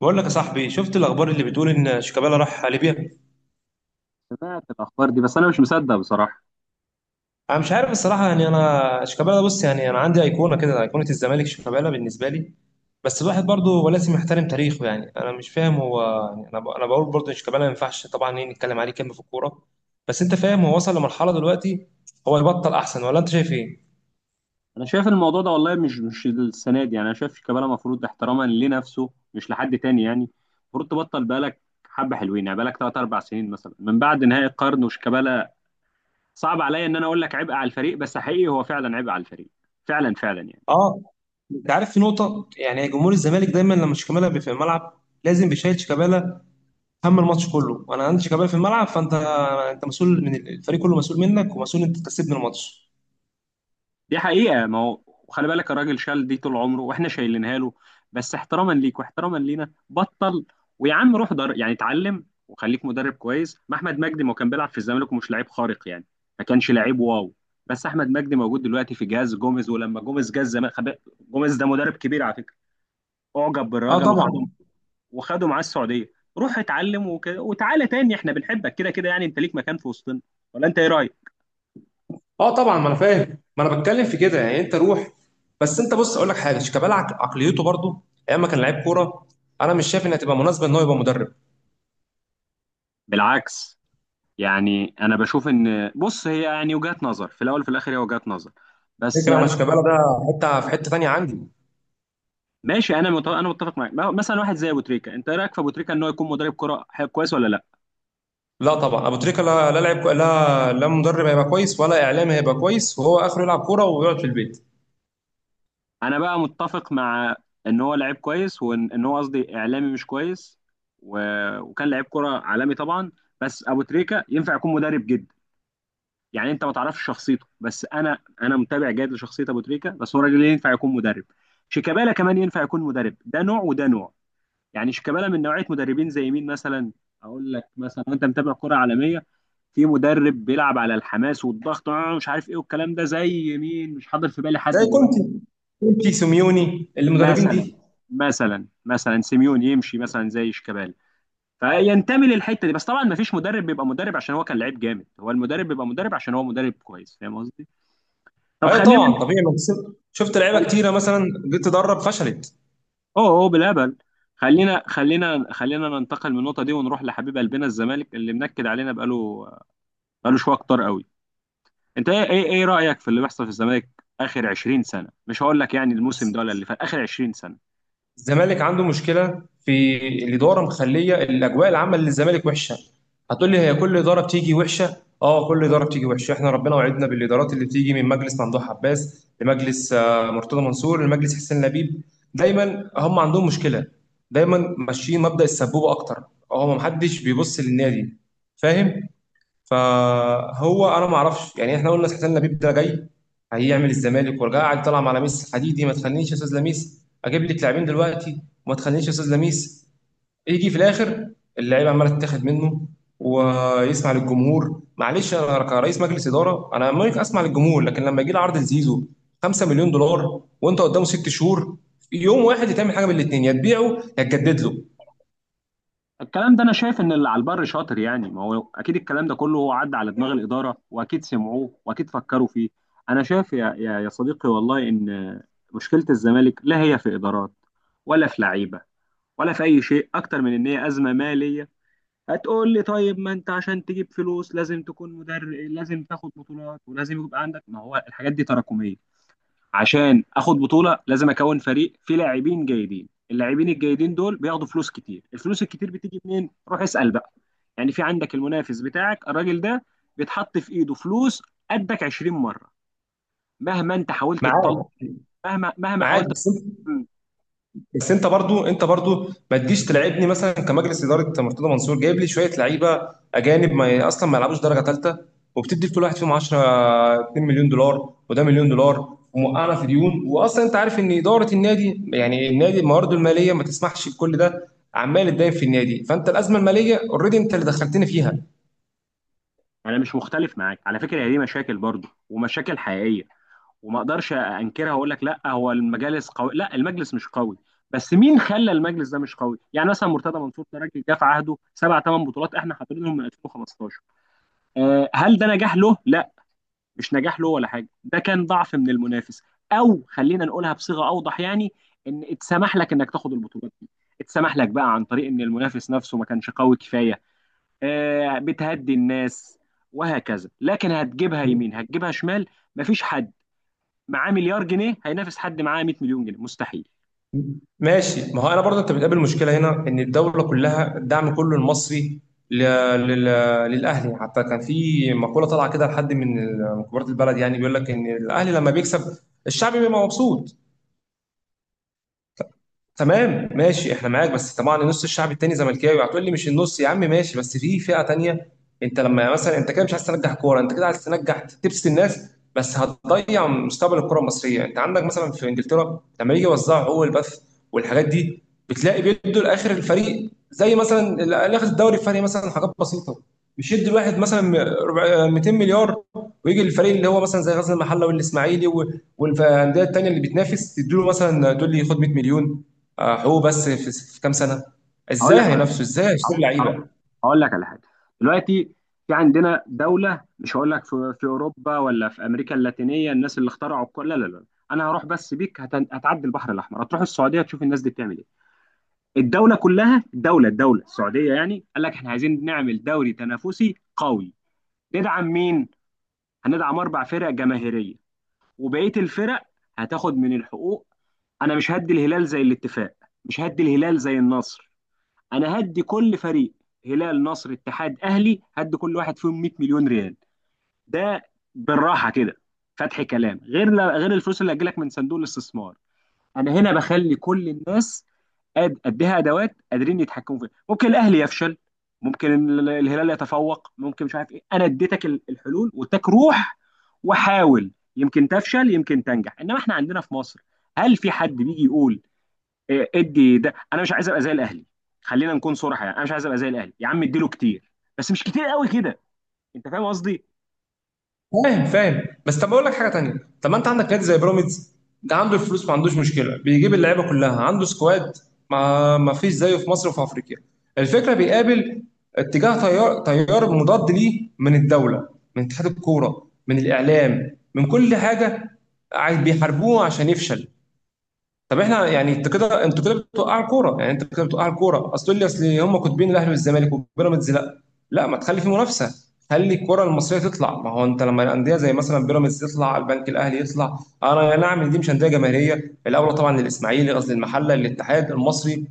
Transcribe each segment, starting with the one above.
بقول لك يا صاحبي، شفت الاخبار اللي بتقول ان شيكابالا راح ليبيا؟ سمعت الاخبار دي بس انا مش مصدق بصراحه. انا مش عارف الصراحه، يعني انا شيكابالا بص، يعني انا عندي ايقونه كده، ايقونه الزمالك شيكابالا بالنسبه لي. بس الواحد برضه ولازم يحترم تاريخه، يعني انا مش فاهم هو. يعني انا بقول برضه ان شيكابالا ما ينفعش طبعا ايه نتكلم عليه كلمه في الكوره. بس انت فاهم هو وصل لمرحله دلوقتي. هو يبطل احسن ولا انت شايف ايه؟ انا شايف الموضوع ده والله مش السنه دي يعني. انا شايف شيكابالا المفروض احتراما لنفسه مش لحد تاني يعني، المفروض تبطل بقالك حبه حلوين، يعني بقالك 3 4 سنين مثلا من بعد نهائي القرن. وشيكابالا صعب عليا ان انا اقول لك عبء على الفريق، بس حقيقي هو فعلا عبء على الفريق، فعلا فعلا يعني. اه. انت عارف في نقطه، يعني جمهور الزمالك دايما لما شيكابالا بيبقى في الملعب لازم بيشيل شيكابالا هم الماتش كله، وانا عندي شيكابالا في الملعب. فانت انت مسؤول من الفريق كله، مسؤول منك، ومسؤول انت تكسبني الماتش. دي حقيقة، ما هو خلي بالك الراجل شال دي طول عمره واحنا شايلينها له، بس احتراما ليك واحتراما لينا بطل. ويا عم روح در، يعني اتعلم وخليك مدرب كويس. ما احمد مجدي ما هو كان بيلعب في الزمالك ومش لعيب خارق يعني، ما كانش لعيب واو. بس احمد مجدي موجود دلوقتي في جهاز جوميز، ولما جوميز جه الزمالك جوميز ده مدرب كبير على فكرة، اعجب اه بالراجل وخده، طبعا. وخده معاه السعودية. روح اتعلم وتعالى تاني، احنا بنحبك كده كده، يعني انت ليك مكان في وسطنا. ولا انت ايه رأيك؟ اه طبعا، ما انا فاهم، ما انا بتكلم في كده، يعني انت روح. بس انت بص اقول لك حاجه، شيكابالا عقليته برضه ايام ما كان لعيب كوره. انا مش شايف انها تبقى مناسبه ان هو يبقى مدرب. بالعكس، يعني انا بشوف ان بص هي يعني وجهات نظر، في الاول وفي الاخر هي وجهات نظر. بس الفكره انا يعني مثلاً- شيكابالا ده حته، في حته تانيه عندي. ماشي، انا متفق، انا متفق معاك. مثلا واحد زي ابو تريكه، انت إيه رايك في ابو تريكه ان هو يكون مدرب كره كويس ولا لا؟ لا طبعا، ابو تريكه لا لا، لعيب لا لا، مدرب هيبقى كويس، ولا اعلامي هيبقى كويس وهو اخره يلعب كوره ويقعد في البيت. انا بقى متفق مع ان هو لعيب كويس، وان هو قصدي اعلامي مش كويس. و... وكان لعيب كره عالمي طبعا. بس ابو تريكه ينفع يكون مدرب جدا، يعني انت ما تعرفش شخصيته، بس انا متابع جيد لشخصيه ابو تريكه، بس هو راجل ينفع يكون مدرب. شيكابالا كمان ينفع يكون مدرب، ده نوع وده نوع. يعني شيكابالا من نوعيه مدربين زي مين مثلا؟ اقول لك مثلا، وانت متابع كره عالميه، في مدرب بيلعب على الحماس والضغط، مش عارف ايه والكلام ده، زي مين؟ مش حاضر في بالي حد زي دلوقتي. كونتي، كونتي سيميوني، المدربين مثلا دي. مثلا سيميون يمشي مثلا زي شيكابالا، فينتمي للحته دي. بس طبعا ما فيش مدرب بيبقى مدرب عشان هو كان لعيب جامد، هو المدرب بيبقى مدرب عشان هو مدرب كويس، فاهم قصدي. طب ايوه خلينا. طبعا طبيعي، ما تسيب- شفت لعيبه اوه. كتيره مثلا جيت تدرب فشلت. اوه بالهبل. خلينا ننتقل من النقطه دي ونروح لحبيب قلبنا الزمالك اللي منكد علينا بقاله شويه كتار قوي. انت ايه رايك في اللي بيحصل في الزمالك؟ اخر 20 سنه، مش هقول لك يعني الموسم ده ولا اللي فات، اخر 20 سنه. الزمالك عنده مشكله في الاداره مخليه الاجواء العامه للزمالك وحشه. هتقول لي هي كل اداره بتيجي وحشه، اه كل اداره بتيجي وحشه، احنا ربنا وعدنا بالادارات اللي بتيجي، من مجلس ممدوح عباس لمجلس آه، مرتضى منصور لمجلس حسين لبيب. دايما هم عندهم مشكله، دايما ماشيين مبدأ السبوبه اكتر. آه، هو محدش بيبص للنادي. فاهم. فهو انا ما اعرفش، يعني احنا قلنا حسين لبيب ده جاي هيعمل الزمالك ورجع قاعد طلع على ميسي حديدي، ما تخلينيش يا استاذ لميس اجيب لك لاعبين دلوقتي، وما تخلينيش يا استاذ لميس. يجي في الاخر اللعيبه عماله تتاخد منه، ويسمع للجمهور. معلش، انا كرئيس مجلس اداره انا ممكن اسمع للجمهور، لكن لما يجي لي عرض لزيزو 5 مليون دولار وانت قدامه ست شهور، يوم واحد يتعمل حاجه من الاثنين، يا تبيعه يا تجدد له. الكلام ده انا شايف ان اللي على البر شاطر، يعني ما هو اكيد الكلام ده كله هو عدى على دماغ الاداره واكيد سمعوه واكيد فكروا فيه. انا شايف يا صديقي، والله ان مشكله الزمالك لا هي في ادارات، ولا في لعيبه، ولا في اي شيء، اكتر من ان هي ازمه ماليه. هتقول لي طيب ما انت عشان تجيب فلوس لازم تكون مدرب لازم تاخد بطولات ولازم يبقى عندك، ما هو الحاجات دي تراكميه. عشان اخد بطوله لازم اكون فريق فيه لاعبين جيدين، اللاعبين الجيدين دول بياخدوا فلوس كتير، الفلوس الكتير بتيجي منين؟ روح اسال بقى. يعني في عندك المنافس بتاعك، الراجل ده بيتحط في ايده فلوس قدك 20 مره، مهما انت حاولت تطلع، معاك. مهما معاك، حاولت. بس. بس انت برضو ما تجيش تلعبني مثلا كمجلس اداره مرتضى منصور جايب لي شويه لعيبه اجانب، ما اصلا ما يلعبوش درجه ثالثه، وبتدي لكل واحد فيهم 10، 2 مليون دولار وده مليون دولار، وموقعنا في ديون، واصلا انت عارف ان اداره النادي، يعني النادي موارده الماليه ما تسمحش بكل ده. عمال اتداين في النادي، فانت الازمه الماليه اوريدي انت اللي دخلتني فيها. انا مش مختلف معاك على فكره، هي دي مشاكل برضه، ومشاكل حقيقيه، وما اقدرش انكرها واقول لك لا هو المجالس قوي لا المجلس مش قوي. بس مين خلى المجلس ده مش قوي؟ يعني مثلا مرتضى منصور ده راجل جه في عهده سبع ثمان بطولات احنا حاطينهم من 2015. هل ده نجاح له؟ لا، مش نجاح له ولا حاجه، ده كان ضعف من المنافس، او خلينا نقولها بصيغه اوضح يعني، ان اتسمح لك انك تاخد البطولات دي، اتسمح لك بقى عن طريق ان المنافس نفسه ما كانش قوي كفايه. بتهدي الناس وهكذا، لكن هتجيبها يمين هتجيبها شمال. مفيش حد معاه مليار جنيه هينافس حد معاه 100 مليون جنيه، مستحيل. ماشي، ما هو انا برضه انت بتقابل مشكله هنا ان الدوله كلها الدعم كله المصري ل- لل- للاهلي. حتى كان في مقوله طالعه كده لحد من من كبار البلد، يعني بيقول لك ان الاهلي لما بيكسب الشعب بيبقى مبسوط. تمام ماشي احنا معاك، بس طبعا نص الشعب التاني زملكاوي. هتقول لي مش النص يا عم، ماشي، بس في فئة تانية. انت لما مثلا انت كده مش عايز تنجح كورة، انت كده عايز تنجح تبسط الناس، بس هتضيع مستقبل الكرة المصرية. انت عندك مثلا في انجلترا لما يجي يوزعوا هو البث والحاجات دي، بتلاقي بيدوا لاخر الفريق زي مثلا اللي اخذ الدوري الفريق مثلا حاجات بسيطة، مش يدي الواحد مثلا 200 مليار، ويجي الفريق اللي هو مثلا زي غزل المحله والاسماعيلي والانديه التانيه اللي بتنافس تديله مثلا، تقول لي خد 100 مليون. آه، هو بس في كام سنه هقول ازاي لك على هينافسوا، ازاي هيشتري هقول لعيبه. هقول لك على حاجه. دلوقتي في عندنا دوله، مش هقول لك في اوروبا ولا في امريكا اللاتينيه الناس اللي اخترعوا الكل، لا لا لا. انا هروح بس بيك، هتعدي البحر الاحمر هتروح السعوديه تشوف الناس دي بتعمل ايه. الدوله كلها، الدوله السعوديه، يعني قال لك احنا عايزين نعمل دوري تنافسي قوي. ندعم مين؟ هندعم اربع فرق جماهيريه، وبقيه الفرق هتاخد من الحقوق. انا مش هدي الهلال زي الاتفاق، مش هدي الهلال زي النصر. انا هدي كل فريق، هلال نصر اتحاد اهلي، هدي كل واحد فيهم 100 مليون ريال. ده بالراحه كده فتح كلام، غير الفلوس اللي هتجيلك من صندوق الاستثمار. انا هنا بخلي كل الناس قد اديها ادوات قادرين يتحكموا فيها. ممكن الاهلي يفشل، ممكن الهلال يتفوق، ممكن مش عارف ايه. انا اديتك الحلول واديتك روح وحاول. يمكن تفشل يمكن تنجح، انما احنا عندنا في مصر هل في حد بيجي يقول ادي ده، انا مش عايز ابقى زي الاهلي؟ خلينا نكون صراحه، يعني انا مش عايز ابقى زي الاهلي يا عم، اديله كتير بس مش كتير قوي كده، انت فاهم قصدي. فاهم فاهم، بس طب اقول لك حاجه تانيه. طب ما انت عندك نادي زي بيراميدز، ده عنده الفلوس، ما عندوش مشكله، بيجيب اللعيبه كلها عنده سكواد ما فيش زيه في مصر وفي افريقيا. الفكره بيقابل اتجاه، تيار مضاد ليه من الدوله، من اتحاد الكوره، من الاعلام، من كل حاجه. بيحاربوه عشان يفشل. طب احنا يعني انت كده، انتوا كده بتوقعوا الكوره، يعني انت كده بتوقعوا الكوره اصل. تقول لي اصل هم كاتبين الاهلي والزمالك وبيراميدز، لا لا، ما تخلي في منافسه، خلي الكره المصريه تطلع. ما هو انت لما الانديه زي مثلا بيراميدز تطلع، البنك الاهلي يطلع، انا يا نعم دي مش انديه جماهيريه الاولى طبعا للاسماعيلي، قصدي المحله، للاتحاد المصري،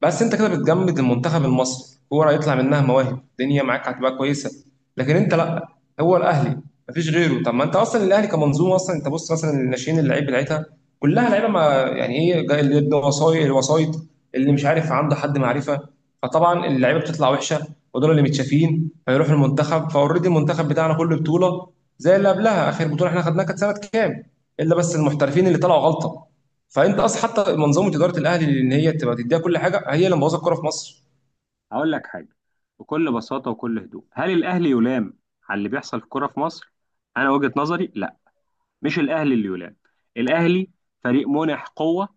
بس انت كده بتجمد المنتخب المصري. كوره يطلع منها مواهب الدنيا معاك هتبقى كويسه، لكن انت لا، هو الاهلي مفيش غيره. طب ما انت اصلا الاهلي كمنظومه اصلا، انت بص مثلا الناشئين، اللعيب بتاعتها كلها لعيبه ما، يعني ايه جاي اللي عنده وسايط، الوسايط اللي مش عارف عنده حد معرفه، فطبعا اللعيبه بتطلع وحشه، ودول اللي متشافين فيروح المنتخب. فاوريدي المنتخب بتاعنا كل بطوله زي اللي قبلها. اخر بطوله احنا خدناها كانت سنه كام؟ الا بس المحترفين اللي طلعوا غلطه. فانت اصلا حتى منظومه اداره الاهلي ان هي تبقى تديها كل حاجه هي اللي مبوظه الكوره في مصر. هقول لك حاجه، بكل بساطه وكل هدوء، هل الاهلي يلام على اللي بيحصل في الكوره في مصر؟ انا وجهه نظري لا، مش الاهلي اللي يلام. الاهلي فريق منح قوه،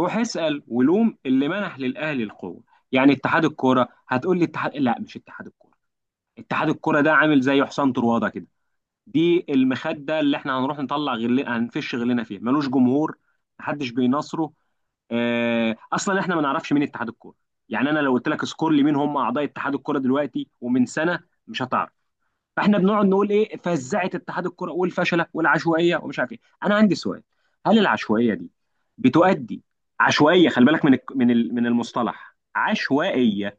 روح اسال ولوم اللي منح للاهلي القوه. يعني اتحاد الكوره؟ هتقول لي اتحاد، لا، مش اتحاد الكوره. اتحاد الكوره ده عامل زي حسام طروادة كده، دي المخدة اللي احنا هنروح هنفش غلنا فيها، ملوش جمهور، محدش بيناصره. اه... اصلا احنا ما نعرفش مين اتحاد الكوره. يعني انا لو قلت لك سكور لي مين هم اعضاء اتحاد الكوره دلوقتي ومن سنه، مش هتعرف. فاحنا بنقعد نقول ايه؟ فزعت اتحاد الكوره والفشله والعشوائيه ومش عارف ايه. انا عندي سؤال، هل العشوائيه دي بتؤدي؟ عشوائيه، خلي بالك من من المصطلح عشوائيه.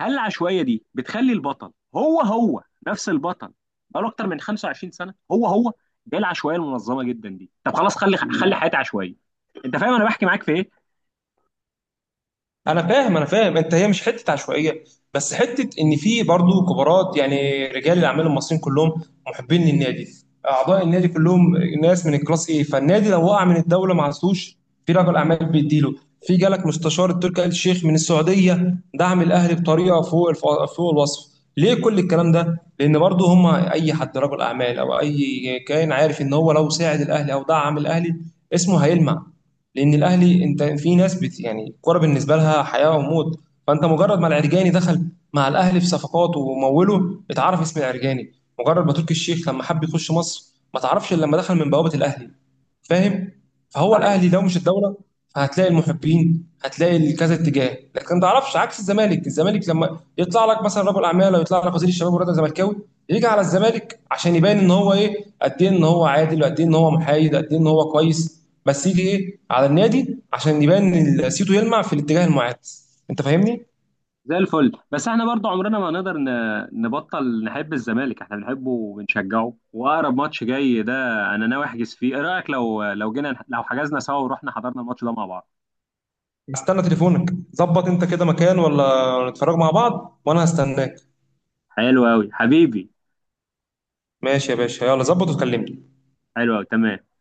هل العشوائيه دي بتخلي البطل هو هو نفس البطل؟ بقاله اكتر من 25 سنه هو هو، ده العشوائيه المنظمه جدا دي. طب خلاص، خلي حياتي عشوائيه، انت فاهم انا بحكي معاك في ايه. انا فاهم انا فاهم، انت هي مش حته عشوائيه، بس حته ان في برضو كبارات، يعني رجال الاعمال المصريين كلهم محبين للنادي، اعضاء النادي كلهم ناس من الكلاس ايه، فالنادي لو وقع من الدوله ما عزوش، في رجل اعمال بيديله، في جالك مستشار التركي آل الشيخ من السعوديه دعم الاهلي بطريقه فوق الوصف. ليه كل الكلام ده؟ لان برضو هم اي حد رجل اعمال او اي كائن عارف ان هو لو ساعد الاهلي او دعم الاهلي اسمه هيلمع، لان الاهلي انت في ناس بت، يعني الكوره بالنسبه لها حياه وموت. فانت مجرد ما العرجاني دخل مع الاهلي في صفقات وموله اتعرف اسم العرجاني، مجرد ما تركي الشيخ لما حب يخش مصر ما تعرفش إلا لما دخل من بوابه الاهلي. فاهم. فهو صحيح الاهلي لو مش الدوله هتلاقي المحبين، هتلاقي كذا اتجاه، لكن ما تعرفش عكس الزمالك. الزمالك لما يطلع لك مثلا رجل اعمال او يطلع لك وزير الشباب والرياضه زملكاوي، يجي على الزمالك عشان يبان ان هو ايه، قد ايه ان هو عادل، وقد ايه ان هو محايد، قد ايه ان هو كويس، بس يجي ايه على النادي عشان يبان ان سيتو يلمع في الاتجاه المعاد. انت فاهمني. زي الفل، بس احنا برضو عمرنا ما نقدر نبطل نحب الزمالك، احنا بنحبه وبنشجعه. واقرب ماتش جاي ده انا ناوي احجز فيه، ايه رايك لو جينا لو حجزنا سوا ورحنا حضرنا الماتش ده مع بعض؟ استنى تليفونك ظبط انت كده مكان ولا، نتفرج مع بعض وانا هستناك. حلو قوي حبيبي. ماشي يا باشا، يلا ظبط وكلمني. حلو قوي، تمام.